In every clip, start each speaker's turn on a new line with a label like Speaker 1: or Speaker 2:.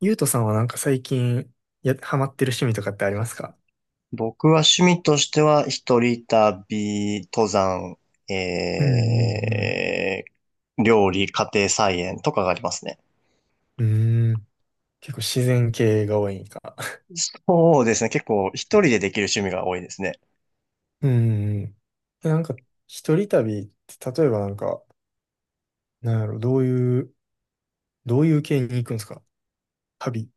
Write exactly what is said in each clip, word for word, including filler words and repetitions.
Speaker 1: ゆうとさんはなんか最近、や、ハマってる趣味とかってありますか？
Speaker 2: 僕は趣味としては、一人旅、登山、
Speaker 1: うんうん
Speaker 2: えー、料理、家庭菜園とかがありますね。
Speaker 1: うん。うーん。結構自然系が多いんか。
Speaker 2: そうですね。結構一人でできる趣味が多いですね。
Speaker 1: うんうんうん。え、なんか、一人旅って、例えばなんか、なんやろ、どういう、どういう系に行くんですか、旅？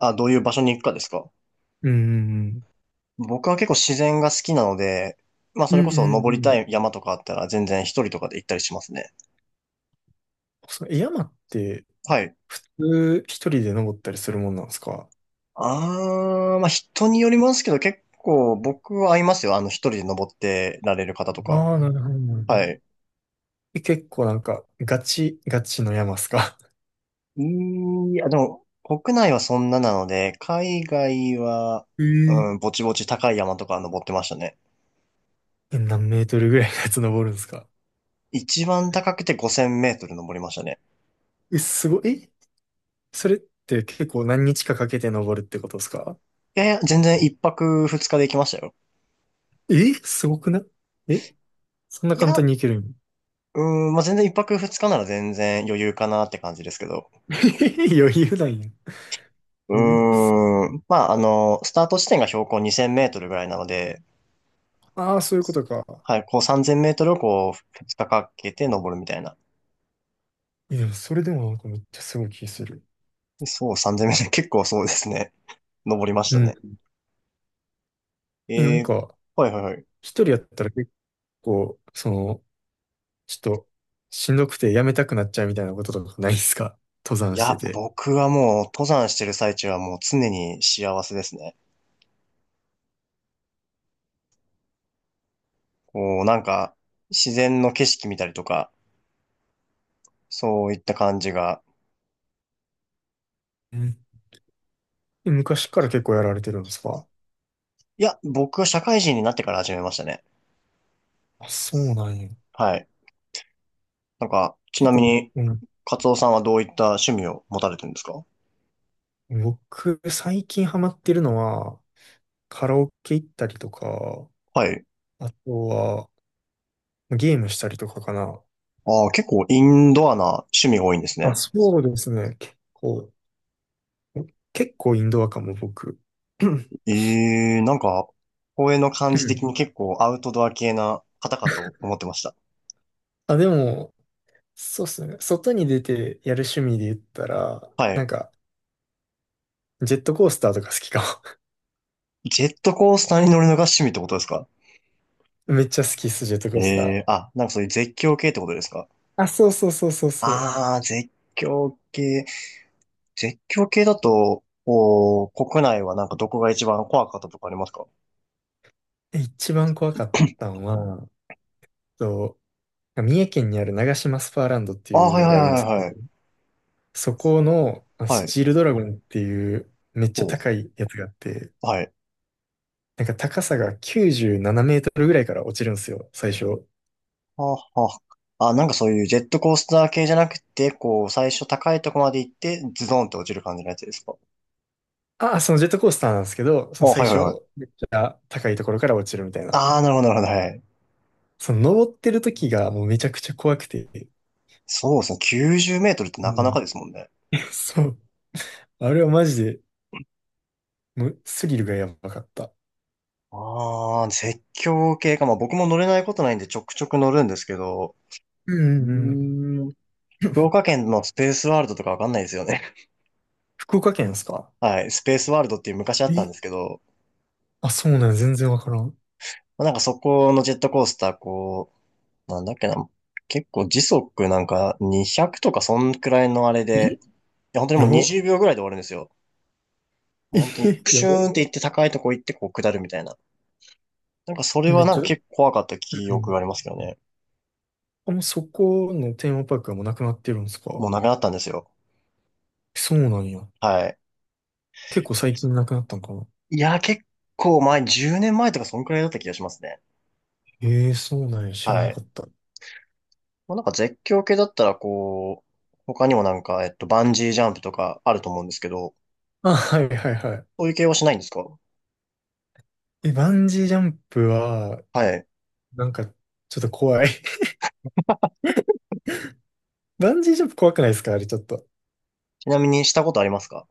Speaker 2: あ、どういう場所に行くかですか？
Speaker 1: うんうん
Speaker 2: 僕は結構自然が好きなので、まあ
Speaker 1: う
Speaker 2: それ
Speaker 1: ん。う
Speaker 2: こそ
Speaker 1: んう
Speaker 2: 登り
Speaker 1: んう
Speaker 2: た
Speaker 1: ん。
Speaker 2: い山とかあったら全然一人とかで行ったりしますね。
Speaker 1: その、え山って、
Speaker 2: はい。
Speaker 1: 普通一人で登ったりするもんなんですか？
Speaker 2: あー、まあ人によりますけど結構僕は合いますよ。あの一人で登ってられる方とか。
Speaker 1: ああー、なるほど、なるほ
Speaker 2: はい。
Speaker 1: ど。え、結構なんか、ガチ、ガチの山っすか？
Speaker 2: いや、でも、国内はそんななので、海外は、
Speaker 1: え。 えー。
Speaker 2: うん、ぼちぼち高い山とか登ってましたね。
Speaker 1: え、何メートルぐらいのやつ登るんですか？
Speaker 2: 一番高くてごせんメートル登りましたね。
Speaker 1: え、すごい。え、それって結構何日かかけて登るってことですか？
Speaker 2: いやいや、全然一泊二日で行きましたよ。
Speaker 1: え、すごくない？え、そんな
Speaker 2: い
Speaker 1: 簡
Speaker 2: や、
Speaker 1: 単に行けるん？
Speaker 2: うん、まあ、全然一泊二日なら全然余裕かなって感じですけど。
Speaker 1: 余裕なんや。
Speaker 2: うー
Speaker 1: え、す
Speaker 2: ん、まあ、あの、スタート地点が標高にせんメートルぐらいなので、
Speaker 1: ああ、そういうことか。
Speaker 2: はい、こうさんぜんメートルをこう、二日かかけて登るみたいな。
Speaker 1: え、でもそれでもなんかめっちゃすごい気する。
Speaker 2: そう、さんぜんメートル、結構そうですね。登りまし
Speaker 1: う
Speaker 2: た
Speaker 1: ん。
Speaker 2: ね。
Speaker 1: え、な
Speaker 2: え
Speaker 1: ん
Speaker 2: ー、
Speaker 1: か、
Speaker 2: はいはいはい。
Speaker 1: 一人やったら結構、その、ちょっと、しんどくてやめたくなっちゃうみたいなこととかないですか、登
Speaker 2: い
Speaker 1: 山して
Speaker 2: や、
Speaker 1: て？
Speaker 2: 僕はもう登山してる最中はもう常に幸せですね。こう、なんか、自然の景色見たりとか、そういった感じが。
Speaker 1: うん。え昔から結構やられてるんですか？
Speaker 2: いや、僕は社会人になってから始めましたね。
Speaker 1: あ、そうなんや。
Speaker 2: はい。なんか、ち
Speaker 1: 結
Speaker 2: なみ
Speaker 1: 構、
Speaker 2: に、
Speaker 1: うん。
Speaker 2: カツオさんはどういった趣味を持たれてるんですか？
Speaker 1: 僕、最近ハマってるのは、カラオケ行ったりとか、
Speaker 2: はい。
Speaker 1: あとは、ゲームしたりとかかな。
Speaker 2: ああ、結構インドアな趣味が多いんです
Speaker 1: あ、
Speaker 2: ね。
Speaker 1: そうですね。結構、結構インドアかも、僕。う
Speaker 2: ええ、なんか、公園の感じ的に
Speaker 1: ん。
Speaker 2: 結構アウトドア系な方かと思ってました。
Speaker 1: あ、でも、そうっすね。外に出てやる趣味で言ったら、
Speaker 2: は
Speaker 1: なん
Speaker 2: い。
Speaker 1: か、ジェットコースターとか好きか
Speaker 2: ジェットコースターに乗るのが趣味ってことですか？
Speaker 1: も。めっちゃ好きっす、ジェットコ
Speaker 2: え
Speaker 1: ースター。
Speaker 2: えあ、なんかそういう絶叫系ってことですか？
Speaker 1: あ、そうそうそうそうそう。
Speaker 2: ああー、絶叫系。絶叫系だと、こう、国内はなんかどこが一番怖かったとかありますか？
Speaker 1: え一番怖かったのは、と、三重県にある長島スパーランドって
Speaker 2: あ
Speaker 1: い
Speaker 2: ー、
Speaker 1: う
Speaker 2: はい
Speaker 1: の
Speaker 2: はい
Speaker 1: があるんで
Speaker 2: は
Speaker 1: すけ
Speaker 2: い
Speaker 1: ど、
Speaker 2: はい。
Speaker 1: そこのあ
Speaker 2: は
Speaker 1: ス
Speaker 2: い。
Speaker 1: チールドラゴンっていうめっちゃ高
Speaker 2: そ
Speaker 1: いやつがあって、
Speaker 2: う、はい。
Speaker 1: なんか高さがきゅうじゅうななメートルぐらいから落ちるんですよ、最初。
Speaker 2: はあ、はあ。あ、なんかそういうジェットコースター系じゃなくて、こう、最初高いとこまで行って、ズドンって落ちる感じのやつですか？
Speaker 1: ああ、そのジェットコースターなんですけど、そ
Speaker 2: あ、
Speaker 1: の最
Speaker 2: はいはい
Speaker 1: 初、
Speaker 2: はい。
Speaker 1: 高いところから落ちるみたいな。
Speaker 2: ああ、なるほどなるほど、はい。
Speaker 1: その登ってる時がもうめちゃくちゃ怖くて。
Speaker 2: そうですね。きゅうじゅうメートルって
Speaker 1: う
Speaker 2: なかなか
Speaker 1: ん。
Speaker 2: ですもんね。
Speaker 1: そう。あれはマジで、もうスリルがやばかった。
Speaker 2: ああ、絶叫系か。まあ僕も乗れないことないんでちょくちょく乗るんですけど、
Speaker 1: う
Speaker 2: う
Speaker 1: んうんうん。
Speaker 2: ーん。福岡県のスペースワールドとかわかんないですよね。
Speaker 1: 福岡県ですか？
Speaker 2: はい。スペースワールドっていう昔あった
Speaker 1: え
Speaker 2: んですけど、
Speaker 1: あ、そうなん、全然わからん。
Speaker 2: まあなんかそこのジェットコースター、こう、なんだっけな、結構時速なんかにひゃくとかそんくらいのあれ
Speaker 1: え
Speaker 2: で、いや本当に
Speaker 1: や
Speaker 2: もう
Speaker 1: ば。
Speaker 2: にじゅうびょうぐらいで終わるんですよ。もう本当 に
Speaker 1: え
Speaker 2: プ
Speaker 1: や
Speaker 2: シ
Speaker 1: ば。
Speaker 2: ューンって行って高いとこ行ってこう下るみたいな。なんかそ れ
Speaker 1: め
Speaker 2: は
Speaker 1: っ
Speaker 2: なん
Speaker 1: ち
Speaker 2: か
Speaker 1: ゃ、
Speaker 2: 結構怖かった記
Speaker 1: う
Speaker 2: 憶
Speaker 1: ん。
Speaker 2: がありますけどね。
Speaker 1: あ、もうそこのテーマパークはもうなくなってるんですか？
Speaker 2: もうなくなったんですよ。
Speaker 1: そうなんや。
Speaker 2: はい。
Speaker 1: 結構最近なくなったんかな？
Speaker 2: いや、結構前、じゅうねんまえとかそんくらいだった気がしますね。
Speaker 1: ええ、そうなんや。知ら
Speaker 2: は
Speaker 1: んか
Speaker 2: い。
Speaker 1: った。
Speaker 2: まあ、なんか絶叫系だったらこう、他にもなんか、えっと、バンジージャンプとかあると思うんですけど、
Speaker 1: あ、はいはいは
Speaker 2: そういう系はしないんですか？
Speaker 1: い。え、バンジージャンプは、
Speaker 2: はい。
Speaker 1: なんか、ちょっと怖い。バンジージャンプ怖くないですか、あれちょっと？
Speaker 2: ちなみにしたことありますか？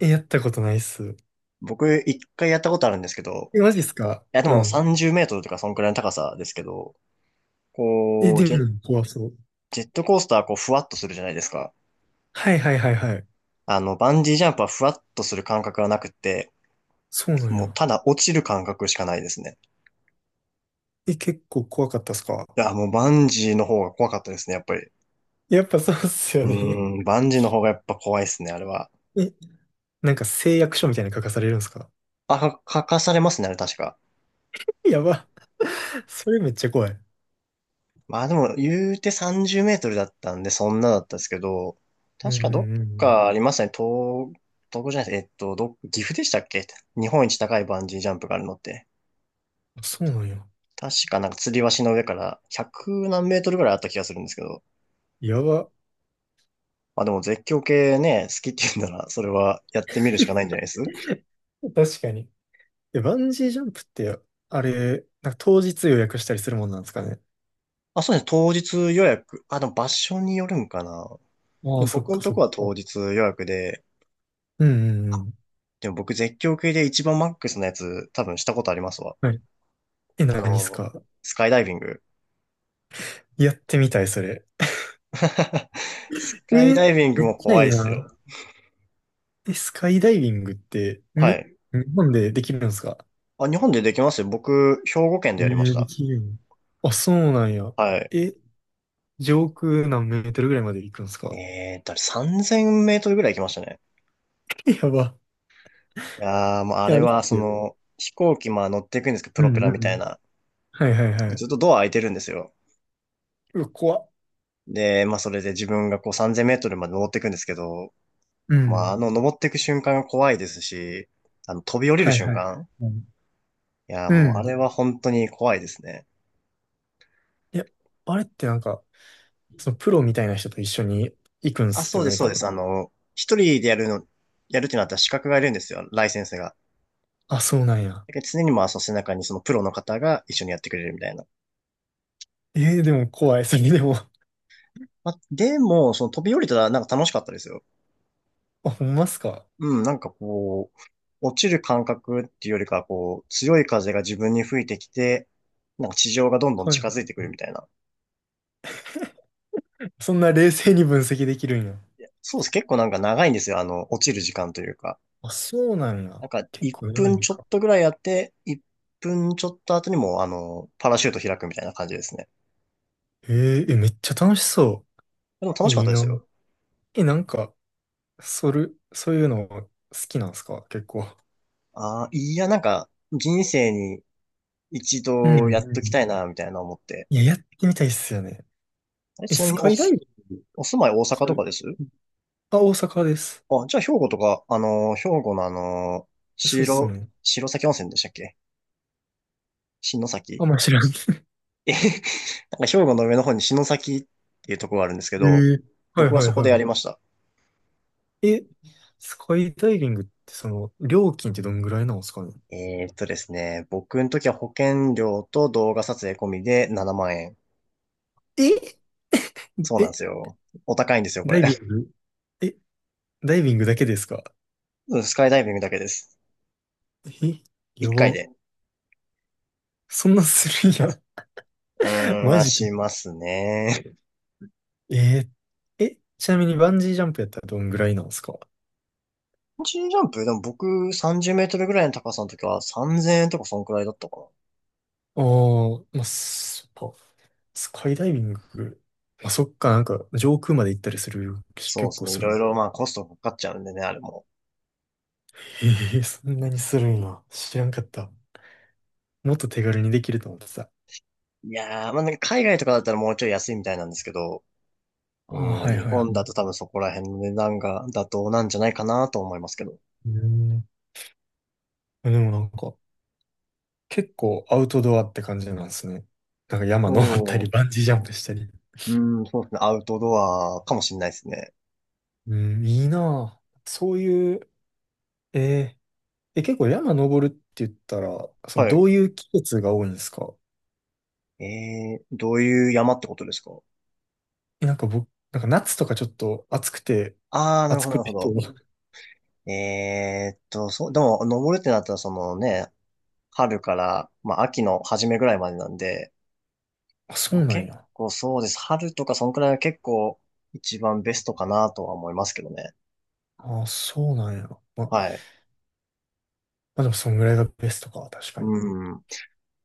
Speaker 1: え、やったことないっす。
Speaker 2: 僕、一回やったことあるんですけど、
Speaker 1: え、マジっすか？
Speaker 2: いや、で
Speaker 1: う
Speaker 2: も
Speaker 1: ん。
Speaker 2: さんじゅうメートルとかそんくらいの高さですけど、
Speaker 1: え、
Speaker 2: こう、
Speaker 1: で
Speaker 2: ジェ、
Speaker 1: も怖そう。
Speaker 2: ジェットコースターはこう、ふわっとするじゃないですか。
Speaker 1: はいはいはいはい。
Speaker 2: あの、バンジージャンプはふわっとする感覚はなくって、
Speaker 1: そうなん
Speaker 2: もう
Speaker 1: や。
Speaker 2: ただ落ちる感覚しかないですね。
Speaker 1: え、結構怖かったっすか？
Speaker 2: いや、もうバンジーの方が怖かったですね、やっぱり。
Speaker 1: やっぱそうっすよ
Speaker 2: うー
Speaker 1: ね。
Speaker 2: ん、バンジーの方がやっぱ怖いですね、あれは。
Speaker 1: え、なんか誓約書みたいに書かされるんですか？
Speaker 2: あ、か、かかされますね、あれ確か。
Speaker 1: やば。それめっちゃ怖い。
Speaker 2: まあでも、言うてさんじゅうメートルだったんで、そんなだったんですけど、
Speaker 1: うん
Speaker 2: 確
Speaker 1: う
Speaker 2: かど
Speaker 1: んう
Speaker 2: っかあ
Speaker 1: ん。
Speaker 2: りますね、東、東北じゃないです、えっと、ど、岐阜でしたっけ？日本一高いバンジージャンプがあるのって。
Speaker 1: あ、そうなんや。
Speaker 2: 確かなんか吊り橋の上からひゃく何メートルぐらいあった気がするんですけど。
Speaker 1: やば。
Speaker 2: まあでも絶叫系ね、好きって言うんなら、それはやってみるしかないんじゃないです？
Speaker 1: 確かに。え、バンジージャンプって、あれ、なんか当日予約したりするもんなんですかね？
Speaker 2: あ、そうですね、当日予約。あ、でも場所によるんかな。
Speaker 1: あ
Speaker 2: で
Speaker 1: あ、
Speaker 2: も
Speaker 1: そ
Speaker 2: 僕
Speaker 1: っ
Speaker 2: の
Speaker 1: か
Speaker 2: と
Speaker 1: そっ
Speaker 2: こは当
Speaker 1: か。
Speaker 2: 日予約で、
Speaker 1: うんうんうん。
Speaker 2: でも僕絶叫系で一番マックスのやつ多分したことありますわ。
Speaker 1: はい。え、
Speaker 2: あ
Speaker 1: 何っす
Speaker 2: の、
Speaker 1: か？
Speaker 2: スカイダイビング。
Speaker 1: やってみたい、それ。
Speaker 2: ス
Speaker 1: え
Speaker 2: カイダ
Speaker 1: ー、
Speaker 2: イビング
Speaker 1: めっ
Speaker 2: も
Speaker 1: ちゃ
Speaker 2: 怖
Speaker 1: い
Speaker 2: い
Speaker 1: い
Speaker 2: っす
Speaker 1: な。
Speaker 2: よ。
Speaker 1: え、スカイダイビングって、
Speaker 2: は
Speaker 1: に、
Speaker 2: い。
Speaker 1: 日本でできるんですか？
Speaker 2: あ、日本でできますよ。僕、兵庫県で
Speaker 1: え
Speaker 2: やりまし
Speaker 1: ー、で
Speaker 2: た。
Speaker 1: きるん？あ、そうなんや。
Speaker 2: はい。
Speaker 1: え、上空何メートルぐらいまで行くんですか？
Speaker 2: えーと、さんぜんメートルぐらい行きましたね。
Speaker 1: え、やば。
Speaker 2: いやー、もうあ
Speaker 1: え、あ
Speaker 2: れ
Speaker 1: れっ
Speaker 2: は、
Speaker 1: す
Speaker 2: そ
Speaker 1: よね？
Speaker 2: の、飛行機、まあ乗っていくんですけど、プ
Speaker 1: う
Speaker 2: ロ
Speaker 1: ん
Speaker 2: ペ
Speaker 1: う
Speaker 2: ラみた
Speaker 1: ん。
Speaker 2: いな。
Speaker 1: はいはいはい。
Speaker 2: ずっとドア開いてるんですよ。
Speaker 1: うわ、怖っ。
Speaker 2: で、まあそれで自分がこうさんぜんメートルまで登っていくんですけど、
Speaker 1: う
Speaker 2: まああ
Speaker 1: ん。
Speaker 2: の登っていく瞬間が怖いですし、あの飛び降りる
Speaker 1: はい
Speaker 2: 瞬
Speaker 1: はい。
Speaker 2: 間。
Speaker 1: うん。
Speaker 2: いやー、
Speaker 1: う
Speaker 2: もうあ
Speaker 1: ん。
Speaker 2: れは本当に怖いですね。
Speaker 1: いや、あれってなんか、そのプロみたいな人と一緒に行くん
Speaker 2: あ、
Speaker 1: す
Speaker 2: そう
Speaker 1: よ
Speaker 2: です、
Speaker 1: ね、
Speaker 2: そう
Speaker 1: 多
Speaker 2: です。
Speaker 1: 分。
Speaker 2: あの、一人でやるの、やるってなったら資格がいるんですよ、ライセンスが。
Speaker 1: あ、そうなんや。
Speaker 2: だけど常にまあ、その背中にそのプロの方が一緒にやってくれるみたいな。
Speaker 1: えー、でも怖い、それでも。
Speaker 2: まあ、でも、その飛び降りたらなんか楽しかったですよ。
Speaker 1: あ、ほんまっすか？
Speaker 2: うん、なんかこう、落ちる感覚っていうよりかは、こう、強い風が自分に吹いてきて、なんか地上がどんどん
Speaker 1: はい
Speaker 2: 近
Speaker 1: は
Speaker 2: づ
Speaker 1: い。
Speaker 2: いてくるみたいな。
Speaker 1: そんな冷静に分析できるんや。
Speaker 2: そうです。結構なんか長いんですよ、あの、落ちる時間というか。
Speaker 1: あ、そうなん
Speaker 2: な
Speaker 1: や。
Speaker 2: んか、
Speaker 1: 結
Speaker 2: 1
Speaker 1: 構やばい
Speaker 2: 分
Speaker 1: ん
Speaker 2: ちょっ
Speaker 1: か。
Speaker 2: とぐらいやって、いっぷんちょっと後にもう、あの、パラシュート開くみたいな感じですね。
Speaker 1: えー、え、めっちゃ楽しそ
Speaker 2: でも楽
Speaker 1: う。
Speaker 2: しかっ
Speaker 1: いい
Speaker 2: たです
Speaker 1: な。
Speaker 2: よ。
Speaker 1: え、なんか、それ、そういうの好きなんすか、結構？
Speaker 2: ああ、いや、なんか、人生に一
Speaker 1: うん
Speaker 2: 度やっ
Speaker 1: う
Speaker 2: とき
Speaker 1: ん。
Speaker 2: たいな、みたいな思って。
Speaker 1: いや、やってみたいっすよね。
Speaker 2: あれ、
Speaker 1: え、
Speaker 2: ちな
Speaker 1: ス
Speaker 2: みに
Speaker 1: カ
Speaker 2: お
Speaker 1: イダイ
Speaker 2: す、
Speaker 1: ビング
Speaker 2: お住まい大阪
Speaker 1: そ
Speaker 2: と
Speaker 1: れ、
Speaker 2: かです？
Speaker 1: あ、大阪です。
Speaker 2: あ、じゃあ兵庫とか、あの、兵庫のあの、
Speaker 1: そうっす
Speaker 2: 白、
Speaker 1: ね。
Speaker 2: 白崎温泉でしたっけ？篠
Speaker 1: あ
Speaker 2: 崎。
Speaker 1: んま知らん。
Speaker 2: え なんか兵庫の上の方に篠崎っていうところがあるんですけ
Speaker 1: え
Speaker 2: ど、
Speaker 1: え、は
Speaker 2: 僕
Speaker 1: い
Speaker 2: は
Speaker 1: はい
Speaker 2: そこでや
Speaker 1: は
Speaker 2: りました。
Speaker 1: い。え、スカイダイビングってその、料金ってどんぐらいなんですかね？
Speaker 2: えーっとですね、僕の時は保険料と動画撮影込みでななまん円。
Speaker 1: え
Speaker 2: そうなん
Speaker 1: え、
Speaker 2: ですよ。お高いんですよ、こ
Speaker 1: ダ
Speaker 2: れ。
Speaker 1: イビングえ、ダイビングだけですか？
Speaker 2: うん、スカイダイビングだけです。
Speaker 1: え、
Speaker 2: 1
Speaker 1: や
Speaker 2: 回
Speaker 1: ば。
Speaker 2: で。
Speaker 1: そんなするんや。
Speaker 2: うー ん、
Speaker 1: マ
Speaker 2: は
Speaker 1: ジか。
Speaker 2: しますね。
Speaker 1: えー。え、ちなみにバンジージャンプやったらどんぐらいなんですか？
Speaker 2: チンジーャンプ、でも僕さんじゅうメートルぐらいの高さの時はさんぜんえんとかそんくらいだったかな。
Speaker 1: ああー、まあ、そっか。スカイダイビング。まあ、そっか、なんか、上空まで行ったりするし、
Speaker 2: そうで
Speaker 1: 結
Speaker 2: す
Speaker 1: 構
Speaker 2: ね。い
Speaker 1: するも
Speaker 2: ろい
Speaker 1: ん。
Speaker 2: ろまあコストかかっちゃうんでね、あれも。
Speaker 1: ええ、そんなにするんや。知らんかった。もっと手軽にできると思ってさ。
Speaker 2: いやー、まあなんか海外とかだったらもうちょい安いみたいなんですけど、
Speaker 1: あ
Speaker 2: う
Speaker 1: あ、
Speaker 2: ん、
Speaker 1: はい
Speaker 2: 日
Speaker 1: はいは
Speaker 2: 本だ
Speaker 1: い。
Speaker 2: と多分そこら辺の値段が妥当なんじゃないかなと思いますけど。
Speaker 1: うん。でもなんか、結構アウトドアって感じなんですね。なんか山登った
Speaker 2: お、
Speaker 1: り、バンジージャンプしたり。
Speaker 2: うん、そうですね。アウトドアかもしれないですね。
Speaker 1: うん、いいなぁ。そういう、えーえ、結構山登るって言ったら、その
Speaker 2: はい。
Speaker 1: どういう季節が多いんですか？
Speaker 2: えー、どういう山ってことですか？
Speaker 1: え、なんか僕、なんか夏とかちょっと暑くて、
Speaker 2: あー、なる
Speaker 1: 暑
Speaker 2: ほど、な
Speaker 1: く
Speaker 2: るほ
Speaker 1: て、
Speaker 2: ど。えーっと、そう、でも、登るってなったら、そのね、春から、まあ、秋の初めぐらいまでなんで、
Speaker 1: あ、そ
Speaker 2: まあ、
Speaker 1: うなん
Speaker 2: 結
Speaker 1: や。
Speaker 2: 構そうです。春とか、そんくらいが結構、一番ベストかなとは思いますけどね。
Speaker 1: あ、そうなんや。ま、ま
Speaker 2: はい。
Speaker 1: あでもそんぐらいがベストか、確かに。
Speaker 2: うん。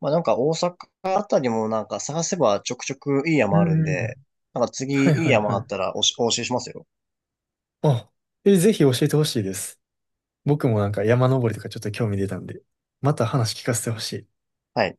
Speaker 2: まあ、なんか、大阪あたりもなんか、探せばちょくちょくいい
Speaker 1: う
Speaker 2: 山あるん
Speaker 1: んうんう
Speaker 2: で、
Speaker 1: ん。
Speaker 2: なんか次、
Speaker 1: はい
Speaker 2: いい
Speaker 1: はい
Speaker 2: 山あ
Speaker 1: は
Speaker 2: っ
Speaker 1: い。
Speaker 2: たらおし、お教えしますよ。
Speaker 1: あ、え、ぜひ教えてほしいです。僕もなんか山登りとかちょっと興味出たんで、また話聞かせてほしい。
Speaker 2: はい。